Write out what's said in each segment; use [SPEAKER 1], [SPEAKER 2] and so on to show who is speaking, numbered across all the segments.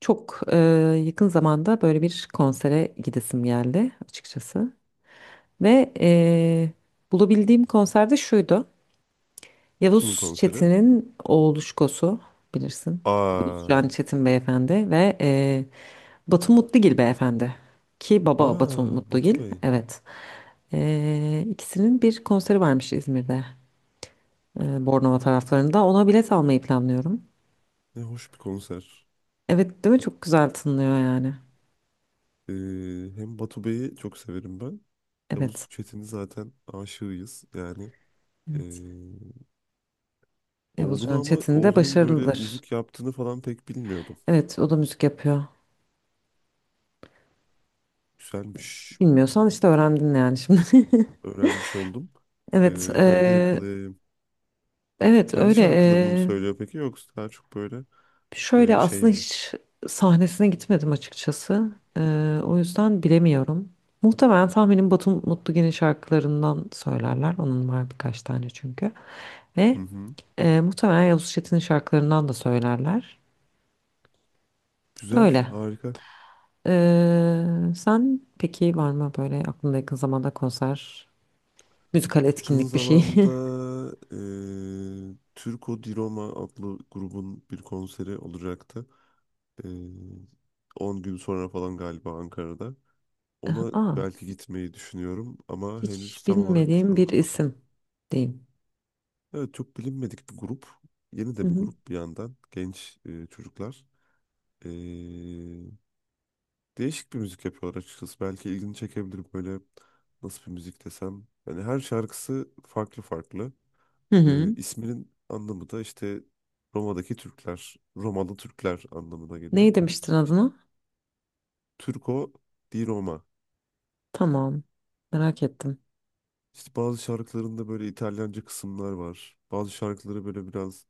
[SPEAKER 1] Çok yakın zamanda böyle bir konsere gidesim geldi açıkçası. Ve bulabildiğim konserde şuydu.
[SPEAKER 2] Kimin
[SPEAKER 1] Yavuz
[SPEAKER 2] konseri?
[SPEAKER 1] Çetin'in oğlu Şkosu bilirsin. Yavuz
[SPEAKER 2] Aa,
[SPEAKER 1] Can Çetin beyefendi ve e, Batu Mutlugil beyefendi. Ki baba Batu
[SPEAKER 2] aa Batu
[SPEAKER 1] Mutlugil.
[SPEAKER 2] Bey.
[SPEAKER 1] Evet. İkisinin bir konseri varmış İzmir'de. Bornova taraflarında. Ona bilet almayı planlıyorum.
[SPEAKER 2] Ne hoş bir konser.
[SPEAKER 1] Evet değil mi? Çok güzel tınlıyor yani.
[SPEAKER 2] Ee, Hem Batu Bey'i çok severim ben. Yavuz
[SPEAKER 1] Evet.
[SPEAKER 2] Çetin'i zaten aşığıyız yani. Ee,
[SPEAKER 1] Evet. Yavuz
[SPEAKER 2] Oğlunu
[SPEAKER 1] Can
[SPEAKER 2] ama
[SPEAKER 1] Çetin de
[SPEAKER 2] oğlunun böyle
[SPEAKER 1] başarılıdır.
[SPEAKER 2] müzik yaptığını falan pek bilmiyordum.
[SPEAKER 1] Evet, o da müzik yapıyor.
[SPEAKER 2] Güzelmiş.
[SPEAKER 1] Bilmiyorsan işte öğrendin yani şimdi.
[SPEAKER 2] Öğrenmiş oldum.
[SPEAKER 1] Evet,
[SPEAKER 2] Ben de
[SPEAKER 1] eee,
[SPEAKER 2] yakalayayım.
[SPEAKER 1] evet
[SPEAKER 2] Kendi
[SPEAKER 1] öyle.
[SPEAKER 2] şarkılarını mı söylüyor peki yoksa daha çok böyle
[SPEAKER 1] Şöyle
[SPEAKER 2] şey
[SPEAKER 1] aslında
[SPEAKER 2] mi?
[SPEAKER 1] hiç sahnesine gitmedim açıkçası. O yüzden bilemiyorum. Muhtemelen tahminim Batu Mutlugen'in şarkılarından söylerler. Onun var birkaç tane çünkü.
[SPEAKER 2] Hı
[SPEAKER 1] Ve
[SPEAKER 2] hı.
[SPEAKER 1] eee, muhtemelen Yavuz Çetin'in şarkılarından da söylerler.
[SPEAKER 2] Güzel,
[SPEAKER 1] Öyle.
[SPEAKER 2] harika.
[SPEAKER 1] Eee, Sen peki var mı böyle aklında yakın zamanda konser, müzikal
[SPEAKER 2] Yakın
[SPEAKER 1] etkinlik bir şey?
[SPEAKER 2] zamanda Türko Di Roma adlı grubun bir konseri olacaktı. Eee 10 gün sonra falan galiba Ankara'da. Ona
[SPEAKER 1] Aa,
[SPEAKER 2] belki gitmeyi düşünüyorum ama
[SPEAKER 1] hiç
[SPEAKER 2] henüz tam olarak
[SPEAKER 1] bilmediğim bir
[SPEAKER 2] planlamadım.
[SPEAKER 1] isim diyeyim.
[SPEAKER 2] Evet çok bilinmedik bir grup. Yeni
[SPEAKER 1] Hı
[SPEAKER 2] de bir
[SPEAKER 1] hı.
[SPEAKER 2] grup bir yandan. Genç çocuklar. Eee, Değişik bir müzik yapıyorlar açıkçası. Belki ilgini çekebilir böyle nasıl bir müzik desem. Yani her şarkısı farklı farklı.
[SPEAKER 1] Hı hı.
[SPEAKER 2] İsminin anlamı da işte Roma'daki Türkler, Romalı Türkler anlamına geliyor.
[SPEAKER 1] Neyi demiştin adına?
[SPEAKER 2] Turco di Roma.
[SPEAKER 1] Tamam. Merak ettim.
[SPEAKER 2] İşte bazı şarkılarında böyle İtalyanca kısımlar var. Bazı şarkıları böyle biraz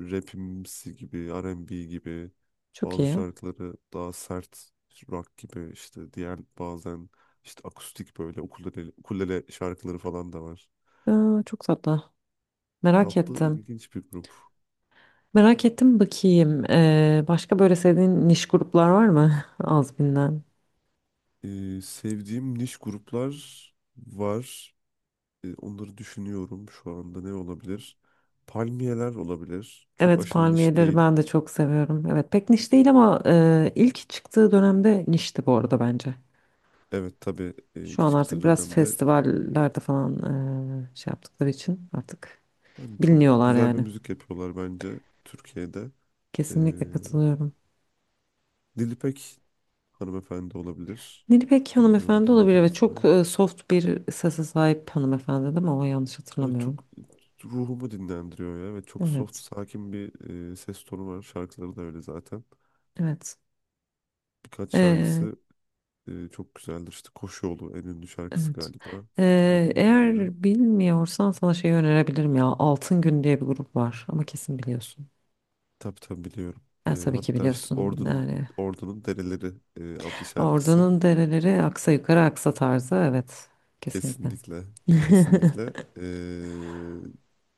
[SPEAKER 2] rapimsi gibi, R&B gibi.
[SPEAKER 1] Çok
[SPEAKER 2] Bazı
[SPEAKER 1] iyi.
[SPEAKER 2] şarkıları daha sert rock gibi işte diğer bazen işte akustik böyle ukulele şarkıları falan da var.
[SPEAKER 1] Aa, çok tatlı. Merak
[SPEAKER 2] Tatlı
[SPEAKER 1] ettim.
[SPEAKER 2] ilginç bir grup.
[SPEAKER 1] Merak ettim bakayım. Başka böyle sevdiğin niş gruplar var mı? Az bilinen.
[SPEAKER 2] Sevdiğim niş gruplar var. Onları düşünüyorum şu anda ne olabilir? Palmiyeler olabilir. Çok
[SPEAKER 1] Evet
[SPEAKER 2] aşırı niş
[SPEAKER 1] palmiyeleri
[SPEAKER 2] değil.
[SPEAKER 1] ben de çok seviyorum. Evet pek niş değil ama ilk çıktığı dönemde nişti bu arada bence.
[SPEAKER 2] Evet tabii
[SPEAKER 1] Şu
[SPEAKER 2] ilk
[SPEAKER 1] an
[SPEAKER 2] çıktığı
[SPEAKER 1] artık biraz
[SPEAKER 2] dönemde
[SPEAKER 1] festivallerde falan şey yaptıkları için artık
[SPEAKER 2] hani çok
[SPEAKER 1] biliniyorlar
[SPEAKER 2] güzel bir
[SPEAKER 1] yani.
[SPEAKER 2] müzik yapıyorlar bence Türkiye'de. E,
[SPEAKER 1] Kesinlikle katılıyorum.
[SPEAKER 2] Nilüpek hanımefendi olabilir.
[SPEAKER 1] Nilüpek
[SPEAKER 2] Bilmiyorum
[SPEAKER 1] hanımefendi olabilir ve
[SPEAKER 2] dinlediniz
[SPEAKER 1] çok
[SPEAKER 2] mi?
[SPEAKER 1] soft bir sese sahip hanımefendi değil mi? O yanlış
[SPEAKER 2] Evet
[SPEAKER 1] hatırlamıyorum.
[SPEAKER 2] çok ruhumu dinlendiriyor ya. Ve çok soft,
[SPEAKER 1] Evet.
[SPEAKER 2] sakin bir ses tonu var. Şarkıları da öyle zaten.
[SPEAKER 1] Evet.
[SPEAKER 2] Birkaç
[SPEAKER 1] Ee,
[SPEAKER 2] şarkısı çok güzeldir. İşte Koşu Yolu en ünlü şarkısı
[SPEAKER 1] evet.
[SPEAKER 2] galiba hatırladığım kadarıyla.
[SPEAKER 1] Eğer bilmiyorsan sana şey önerebilirim ya. Altın Gün diye bir grup var ama kesin biliyorsun.
[SPEAKER 2] Tabii tabii biliyorum.
[SPEAKER 1] Tabii ki
[SPEAKER 2] Hatta işte
[SPEAKER 1] biliyorsun.
[SPEAKER 2] Ordu'nun
[SPEAKER 1] Yani
[SPEAKER 2] Ordu'nun Dereleri adlı şarkısı.
[SPEAKER 1] Ordunun dereleri aksa yukarı aksa tarzı. Evet. Kesinlikle.
[SPEAKER 2] Kesinlikle. Kesinlikle.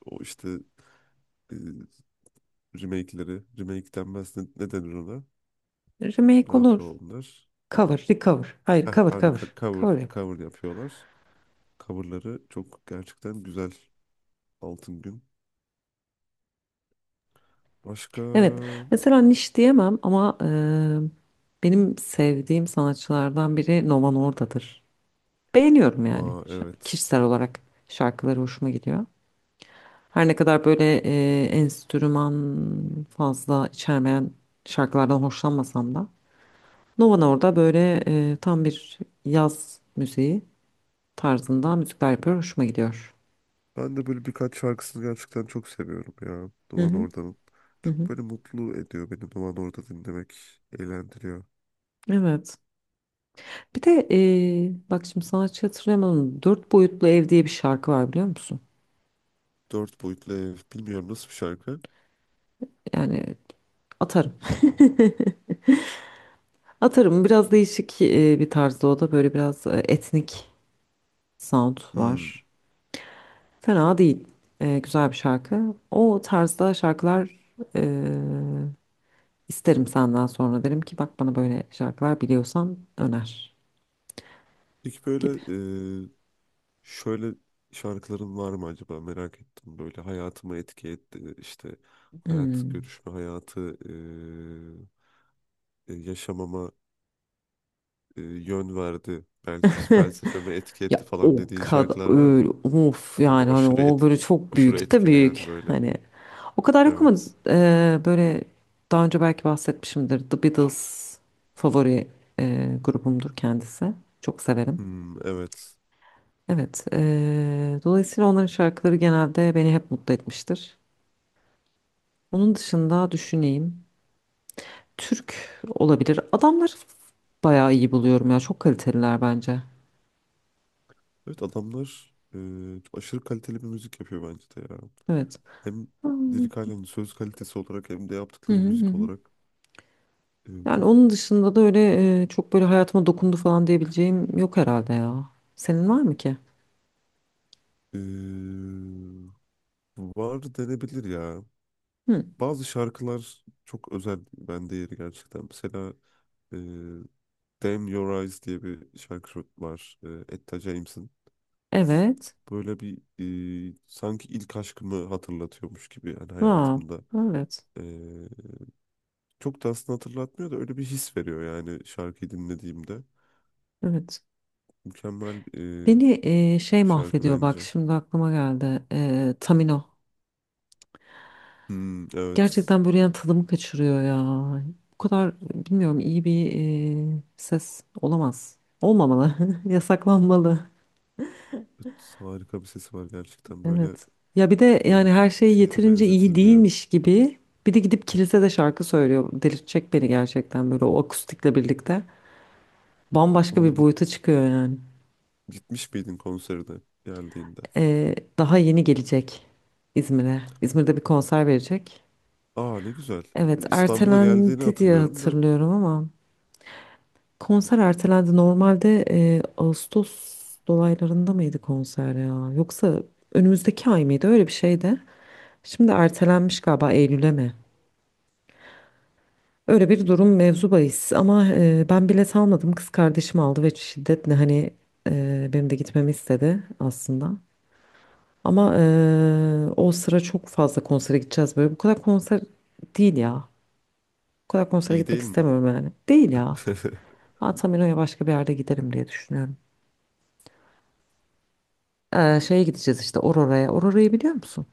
[SPEAKER 2] O işte e, remake'leri. Remake denmez. Ne, ne denir ona? Ne
[SPEAKER 1] Remake
[SPEAKER 2] yapıyor
[SPEAKER 1] olur.
[SPEAKER 2] onlar?
[SPEAKER 1] Cover, recover. Hayır,
[SPEAKER 2] Heh,
[SPEAKER 1] cover,
[SPEAKER 2] aynı
[SPEAKER 1] cover.
[SPEAKER 2] cover,
[SPEAKER 1] Cover.
[SPEAKER 2] cover yapıyorlar. Coverları çok gerçekten güzel. Altın Gün. Başka?
[SPEAKER 1] Evet. Mesela niş diyemem ama benim sevdiğim sanatçılardan biri Nova Norda'dır. Beğeniyorum yani
[SPEAKER 2] Aa evet.
[SPEAKER 1] Kişisel olarak şarkıları hoşuma gidiyor. Her ne kadar böyle enstrüman fazla içermeyen şarkılardan hoşlanmasam da Nova Norda böyle tam bir yaz müziği tarzında müzikler yapıyor. Hoşuma gidiyor.
[SPEAKER 2] Ben de böyle birkaç şarkısını gerçekten çok seviyorum ya.
[SPEAKER 1] Hı
[SPEAKER 2] Duvan
[SPEAKER 1] hı.
[SPEAKER 2] Orda'nın.
[SPEAKER 1] Hı hı.
[SPEAKER 2] Çok böyle mutlu ediyor beni Duvan Orda dinlemek. Eğlendiriyor.
[SPEAKER 1] Evet. Bir de bak şimdi sanatçı hatırlayamadım. Dört boyutlu ev diye bir şarkı var biliyor musun?
[SPEAKER 2] Dört boyutlu ev. Bilmiyorum nasıl bir şarkı.
[SPEAKER 1] Yani atarım. Atarım. Biraz değişik bir tarzda o da. Böyle biraz etnik sound
[SPEAKER 2] Hmm.
[SPEAKER 1] var. Fena değil. Güzel bir şarkı. O tarzda şarkılar e, isterim senden sonra. Derim ki bak bana böyle şarkılar biliyorsan öner
[SPEAKER 2] Peki böyle
[SPEAKER 1] gibi.
[SPEAKER 2] e, şöyle şarkıların var mı acaba merak ettim. Böyle hayatıma etki etti. İşte hayat
[SPEAKER 1] Hmm.
[SPEAKER 2] görüşme hayatı yaşamama yön verdi. Belki işte felsefeme etki etti
[SPEAKER 1] Ya
[SPEAKER 2] falan
[SPEAKER 1] o
[SPEAKER 2] dediğin
[SPEAKER 1] kadar
[SPEAKER 2] şarkılar var mı?
[SPEAKER 1] öyle of
[SPEAKER 2] Böyle
[SPEAKER 1] yani hani
[SPEAKER 2] aşırı
[SPEAKER 1] o böyle çok
[SPEAKER 2] aşırı
[SPEAKER 1] büyük de
[SPEAKER 2] etkileyen
[SPEAKER 1] büyük
[SPEAKER 2] böyle.
[SPEAKER 1] hani o kadar yok ama
[SPEAKER 2] Evet.
[SPEAKER 1] böyle daha önce belki bahsetmişimdir The Beatles favori grubumdur kendisi çok severim
[SPEAKER 2] Hmm, evet.
[SPEAKER 1] evet dolayısıyla onların şarkıları genelde beni hep mutlu etmiştir onun dışında düşüneyim Türk olabilir adamları bayağı iyi buluyorum ya çok kaliteliler bence
[SPEAKER 2] Evet adamlar çok aşırı kaliteli bir müzik yapıyor bence de ya.
[SPEAKER 1] evet.
[SPEAKER 2] Hem
[SPEAKER 1] Hmm.
[SPEAKER 2] lirik halen söz kalitesi olarak hem de
[SPEAKER 1] Hı
[SPEAKER 2] yaptıkları
[SPEAKER 1] hı
[SPEAKER 2] müzik
[SPEAKER 1] hı.
[SPEAKER 2] olarak
[SPEAKER 1] Yani
[SPEAKER 2] çok
[SPEAKER 1] onun dışında da öyle çok böyle hayatıma dokundu falan diyebileceğim yok herhalde ya. Senin var mı ki?
[SPEAKER 2] e, var denebilir ya.
[SPEAKER 1] Hı.
[SPEAKER 2] Bazı şarkılar çok özel bende yeri gerçekten. Mesela e, Damn Your Eyes diye bir şarkı var. Etta James'in.
[SPEAKER 1] Evet.
[SPEAKER 2] Böyle bir sanki ilk aşkımı hatırlatıyormuş gibi yani
[SPEAKER 1] Wow.
[SPEAKER 2] hayatımda.
[SPEAKER 1] Evet.
[SPEAKER 2] Çok da aslında hatırlatmıyor da öyle bir his veriyor yani şarkıyı dinlediğimde.
[SPEAKER 1] Evet.
[SPEAKER 2] Mükemmel
[SPEAKER 1] Beni şey
[SPEAKER 2] bir şarkı
[SPEAKER 1] mahvediyor bak
[SPEAKER 2] bence.
[SPEAKER 1] şimdi aklıma geldi. Tamino.
[SPEAKER 2] Hmm, evet.
[SPEAKER 1] Gerçekten böyle yani tadımı kaçırıyor ya. Bu kadar bilmiyorum iyi bir ses olamaz. Olmamalı. Yasaklanmalı.
[SPEAKER 2] Evet, harika bir sesi var gerçekten. Böyle
[SPEAKER 1] Evet. Ya bir de
[SPEAKER 2] e,
[SPEAKER 1] yani her
[SPEAKER 2] bir
[SPEAKER 1] şey
[SPEAKER 2] şeye de
[SPEAKER 1] yeterince iyi
[SPEAKER 2] benzetilmiyor.
[SPEAKER 1] değilmiş gibi bir de gidip kilisede şarkı söylüyor. Delirtecek beni gerçekten böyle o akustikle birlikte. Bambaşka
[SPEAKER 2] Onunla
[SPEAKER 1] bir boyuta çıkıyor yani.
[SPEAKER 2] gitmiş miydin konserine geldiğinde?
[SPEAKER 1] Daha yeni gelecek İzmir'e. İzmir'de bir konser verecek.
[SPEAKER 2] Aa ne güzel.
[SPEAKER 1] Evet,
[SPEAKER 2] İstanbul'a geldiğini
[SPEAKER 1] ertelendi diye
[SPEAKER 2] hatırlıyorum da
[SPEAKER 1] hatırlıyorum ama konser ertelendi. Normalde Ağustos dolaylarında mıydı konser ya? Yoksa önümüzdeki ay mıydı? Öyle bir şeydi. Şimdi ertelenmiş galiba Eylül'e mi? Öyle bir durum mevzu bahis ama ben bilet almadım kız kardeşim aldı ve şiddetle hani benim de gitmemi istedi aslında. Ama o sıra çok fazla konsere gideceğiz böyle bu kadar konser değil ya. Bu kadar konsere
[SPEAKER 2] iyi
[SPEAKER 1] gitmek
[SPEAKER 2] değil mi?
[SPEAKER 1] istemiyorum yani. Değil ya. Ben Tamino'ya başka bir yerde giderim diye düşünüyorum. Şeye gideceğiz işte Aurora'ya. Aurora'yı biliyor musun?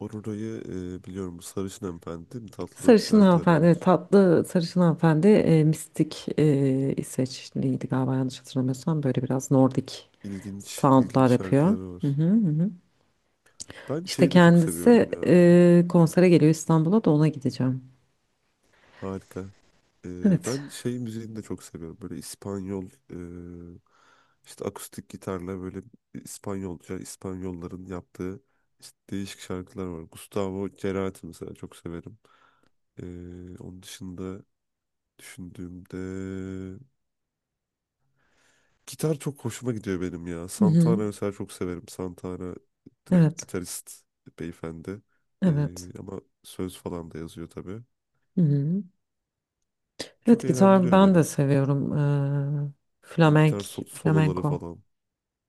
[SPEAKER 2] Aurora'yı biliyorum. Bu Sarışın Hanımefendi değil mi? Tatlı
[SPEAKER 1] Sarışın
[SPEAKER 2] şarkıları
[SPEAKER 1] hanımefendi, evet,
[SPEAKER 2] var.
[SPEAKER 1] tatlı sarışın hanımefendi mistik İsveçliydi galiba yanlış hatırlamıyorsam böyle biraz Nordik
[SPEAKER 2] İlginç, ilginç
[SPEAKER 1] soundlar yapıyor.
[SPEAKER 2] şarkıları
[SPEAKER 1] Hı
[SPEAKER 2] var.
[SPEAKER 1] hı, hı. hı.
[SPEAKER 2] Ben
[SPEAKER 1] İşte
[SPEAKER 2] şeyi de çok
[SPEAKER 1] kendisi
[SPEAKER 2] seviyorum ya.
[SPEAKER 1] konsere geliyor İstanbul'a da ona gideceğim.
[SPEAKER 2] Harika.
[SPEAKER 1] Evet.
[SPEAKER 2] Ben şey müziğini de çok seviyorum. Böyle İspanyol e, işte akustik gitarla böyle İspanyolca İspanyolların yaptığı işte değişik şarkılar var. Gustavo Cerati mesela çok severim. Onun dışında düşündüğümde gitar çok hoşuma gidiyor benim ya.
[SPEAKER 1] Hı
[SPEAKER 2] Santana
[SPEAKER 1] hı.
[SPEAKER 2] mesela çok severim. Santana direkt
[SPEAKER 1] Evet.
[SPEAKER 2] gitarist beyefendi.
[SPEAKER 1] Evet.
[SPEAKER 2] Ama söz falan da yazıyor tabii.
[SPEAKER 1] Hı hı.
[SPEAKER 2] Çok
[SPEAKER 1] Evet gitar
[SPEAKER 2] eğlendiriyor
[SPEAKER 1] ben
[SPEAKER 2] beni.
[SPEAKER 1] de seviyorum. Eee
[SPEAKER 2] Bu
[SPEAKER 1] flamenk,
[SPEAKER 2] gitar soloları
[SPEAKER 1] flamenko
[SPEAKER 2] falan.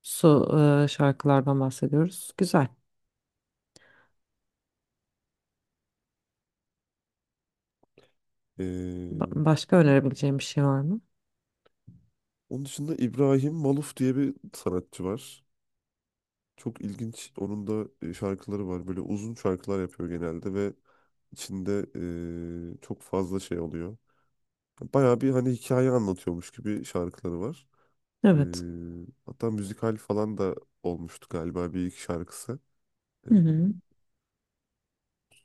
[SPEAKER 1] su şarkılardan bahsediyoruz. Güzel. Başka önerebileceğim bir şey var mı?
[SPEAKER 2] Onun dışında İbrahim Maluf diye bir sanatçı var. Çok ilginç. Onun da şarkıları var. Böyle uzun şarkılar yapıyor genelde ve içinde çok fazla şey oluyor. Bayağı bir hani hikaye anlatıyormuş gibi şarkıları var. E,
[SPEAKER 1] Evet.
[SPEAKER 2] Hatta müzikal falan da olmuştu galiba bir iki şarkısı. E,
[SPEAKER 1] Hı hı.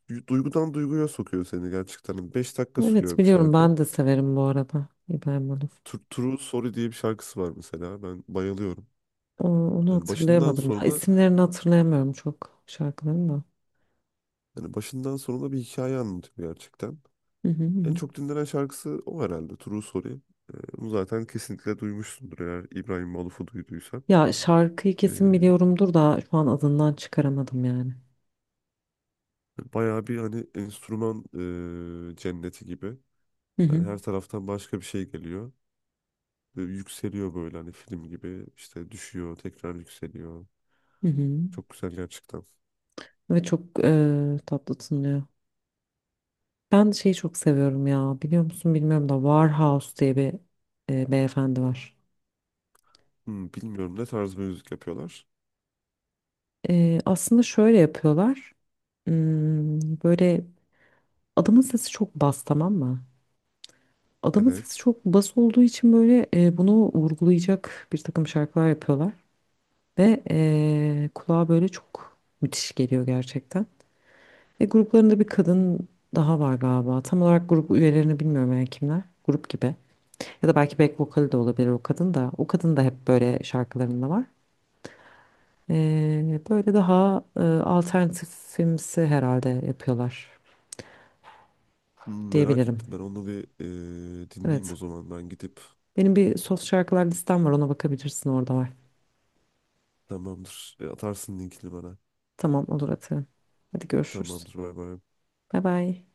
[SPEAKER 2] Duygudan duyguya sokuyor seni gerçekten. Hani 5 dakika
[SPEAKER 1] Evet
[SPEAKER 2] sürüyor bir
[SPEAKER 1] biliyorum
[SPEAKER 2] şarkı.
[SPEAKER 1] ben de severim bu arada İbrahim Olof.
[SPEAKER 2] True Sorry diye bir şarkısı var mesela. Ben bayılıyorum.
[SPEAKER 1] Onu
[SPEAKER 2] Yani başından
[SPEAKER 1] hatırlayamadım ya.
[SPEAKER 2] sonuna
[SPEAKER 1] İsimlerini hatırlayamıyorum çok şarkıların da.
[SPEAKER 2] yani başından sonuna bir hikaye anlatıyor gerçekten.
[SPEAKER 1] Hı hı
[SPEAKER 2] En
[SPEAKER 1] hı.
[SPEAKER 2] çok dinlenen şarkısı o herhalde. True Sorry. Bunu zaten kesinlikle duymuşsundur eğer İbrahim Maluf'u duyduysan.
[SPEAKER 1] Ya şarkıyı kesin
[SPEAKER 2] Ee,
[SPEAKER 1] biliyorumdur da şu an adından çıkaramadım yani.
[SPEAKER 2] Bayağı bir hani enstrüman cenneti gibi.
[SPEAKER 1] Hı
[SPEAKER 2] Yani
[SPEAKER 1] hı.
[SPEAKER 2] her taraftan başka bir şey geliyor. Ve yükseliyor böyle hani film gibi. İşte düşüyor, tekrar yükseliyor.
[SPEAKER 1] Hı hı.
[SPEAKER 2] Çok güzel gerçekten.
[SPEAKER 1] Ve çok tatlı tınlıyor. Ben şeyi çok seviyorum ya. Biliyor musun bilmiyorum da Warhouse diye bir beyefendi var.
[SPEAKER 2] Bilmiyorum ne tarz bir müzik yapıyorlar.
[SPEAKER 1] Aslında şöyle yapıyorlar. Hmm, böyle adamın sesi çok bas tamam mı? Adamın sesi
[SPEAKER 2] Evet.
[SPEAKER 1] çok bas olduğu için böyle bunu vurgulayacak bir takım şarkılar yapıyorlar. Ve kulağa böyle çok müthiş geliyor gerçekten. Ve gruplarında bir kadın daha var galiba. Tam olarak grup üyelerini bilmiyorum yani kimler. Grup gibi. Ya da belki back vokali de olabilir o kadın da. O kadın da hep böyle şarkılarında var. Böyle daha alternatifimsi herhalde yapıyorlar
[SPEAKER 2] Merak
[SPEAKER 1] diyebilirim.
[SPEAKER 2] ettim ben onu bir dinleyeyim
[SPEAKER 1] Evet.
[SPEAKER 2] o zaman ben gidip.
[SPEAKER 1] Benim bir soft şarkılar listem var ona bakabilirsin orada var.
[SPEAKER 2] Tamamdır. Atarsın linkini bana.
[SPEAKER 1] Tamam olur atıyorum. Hadi
[SPEAKER 2] Tamam
[SPEAKER 1] görüşürüz.
[SPEAKER 2] Bay
[SPEAKER 1] Bay bay.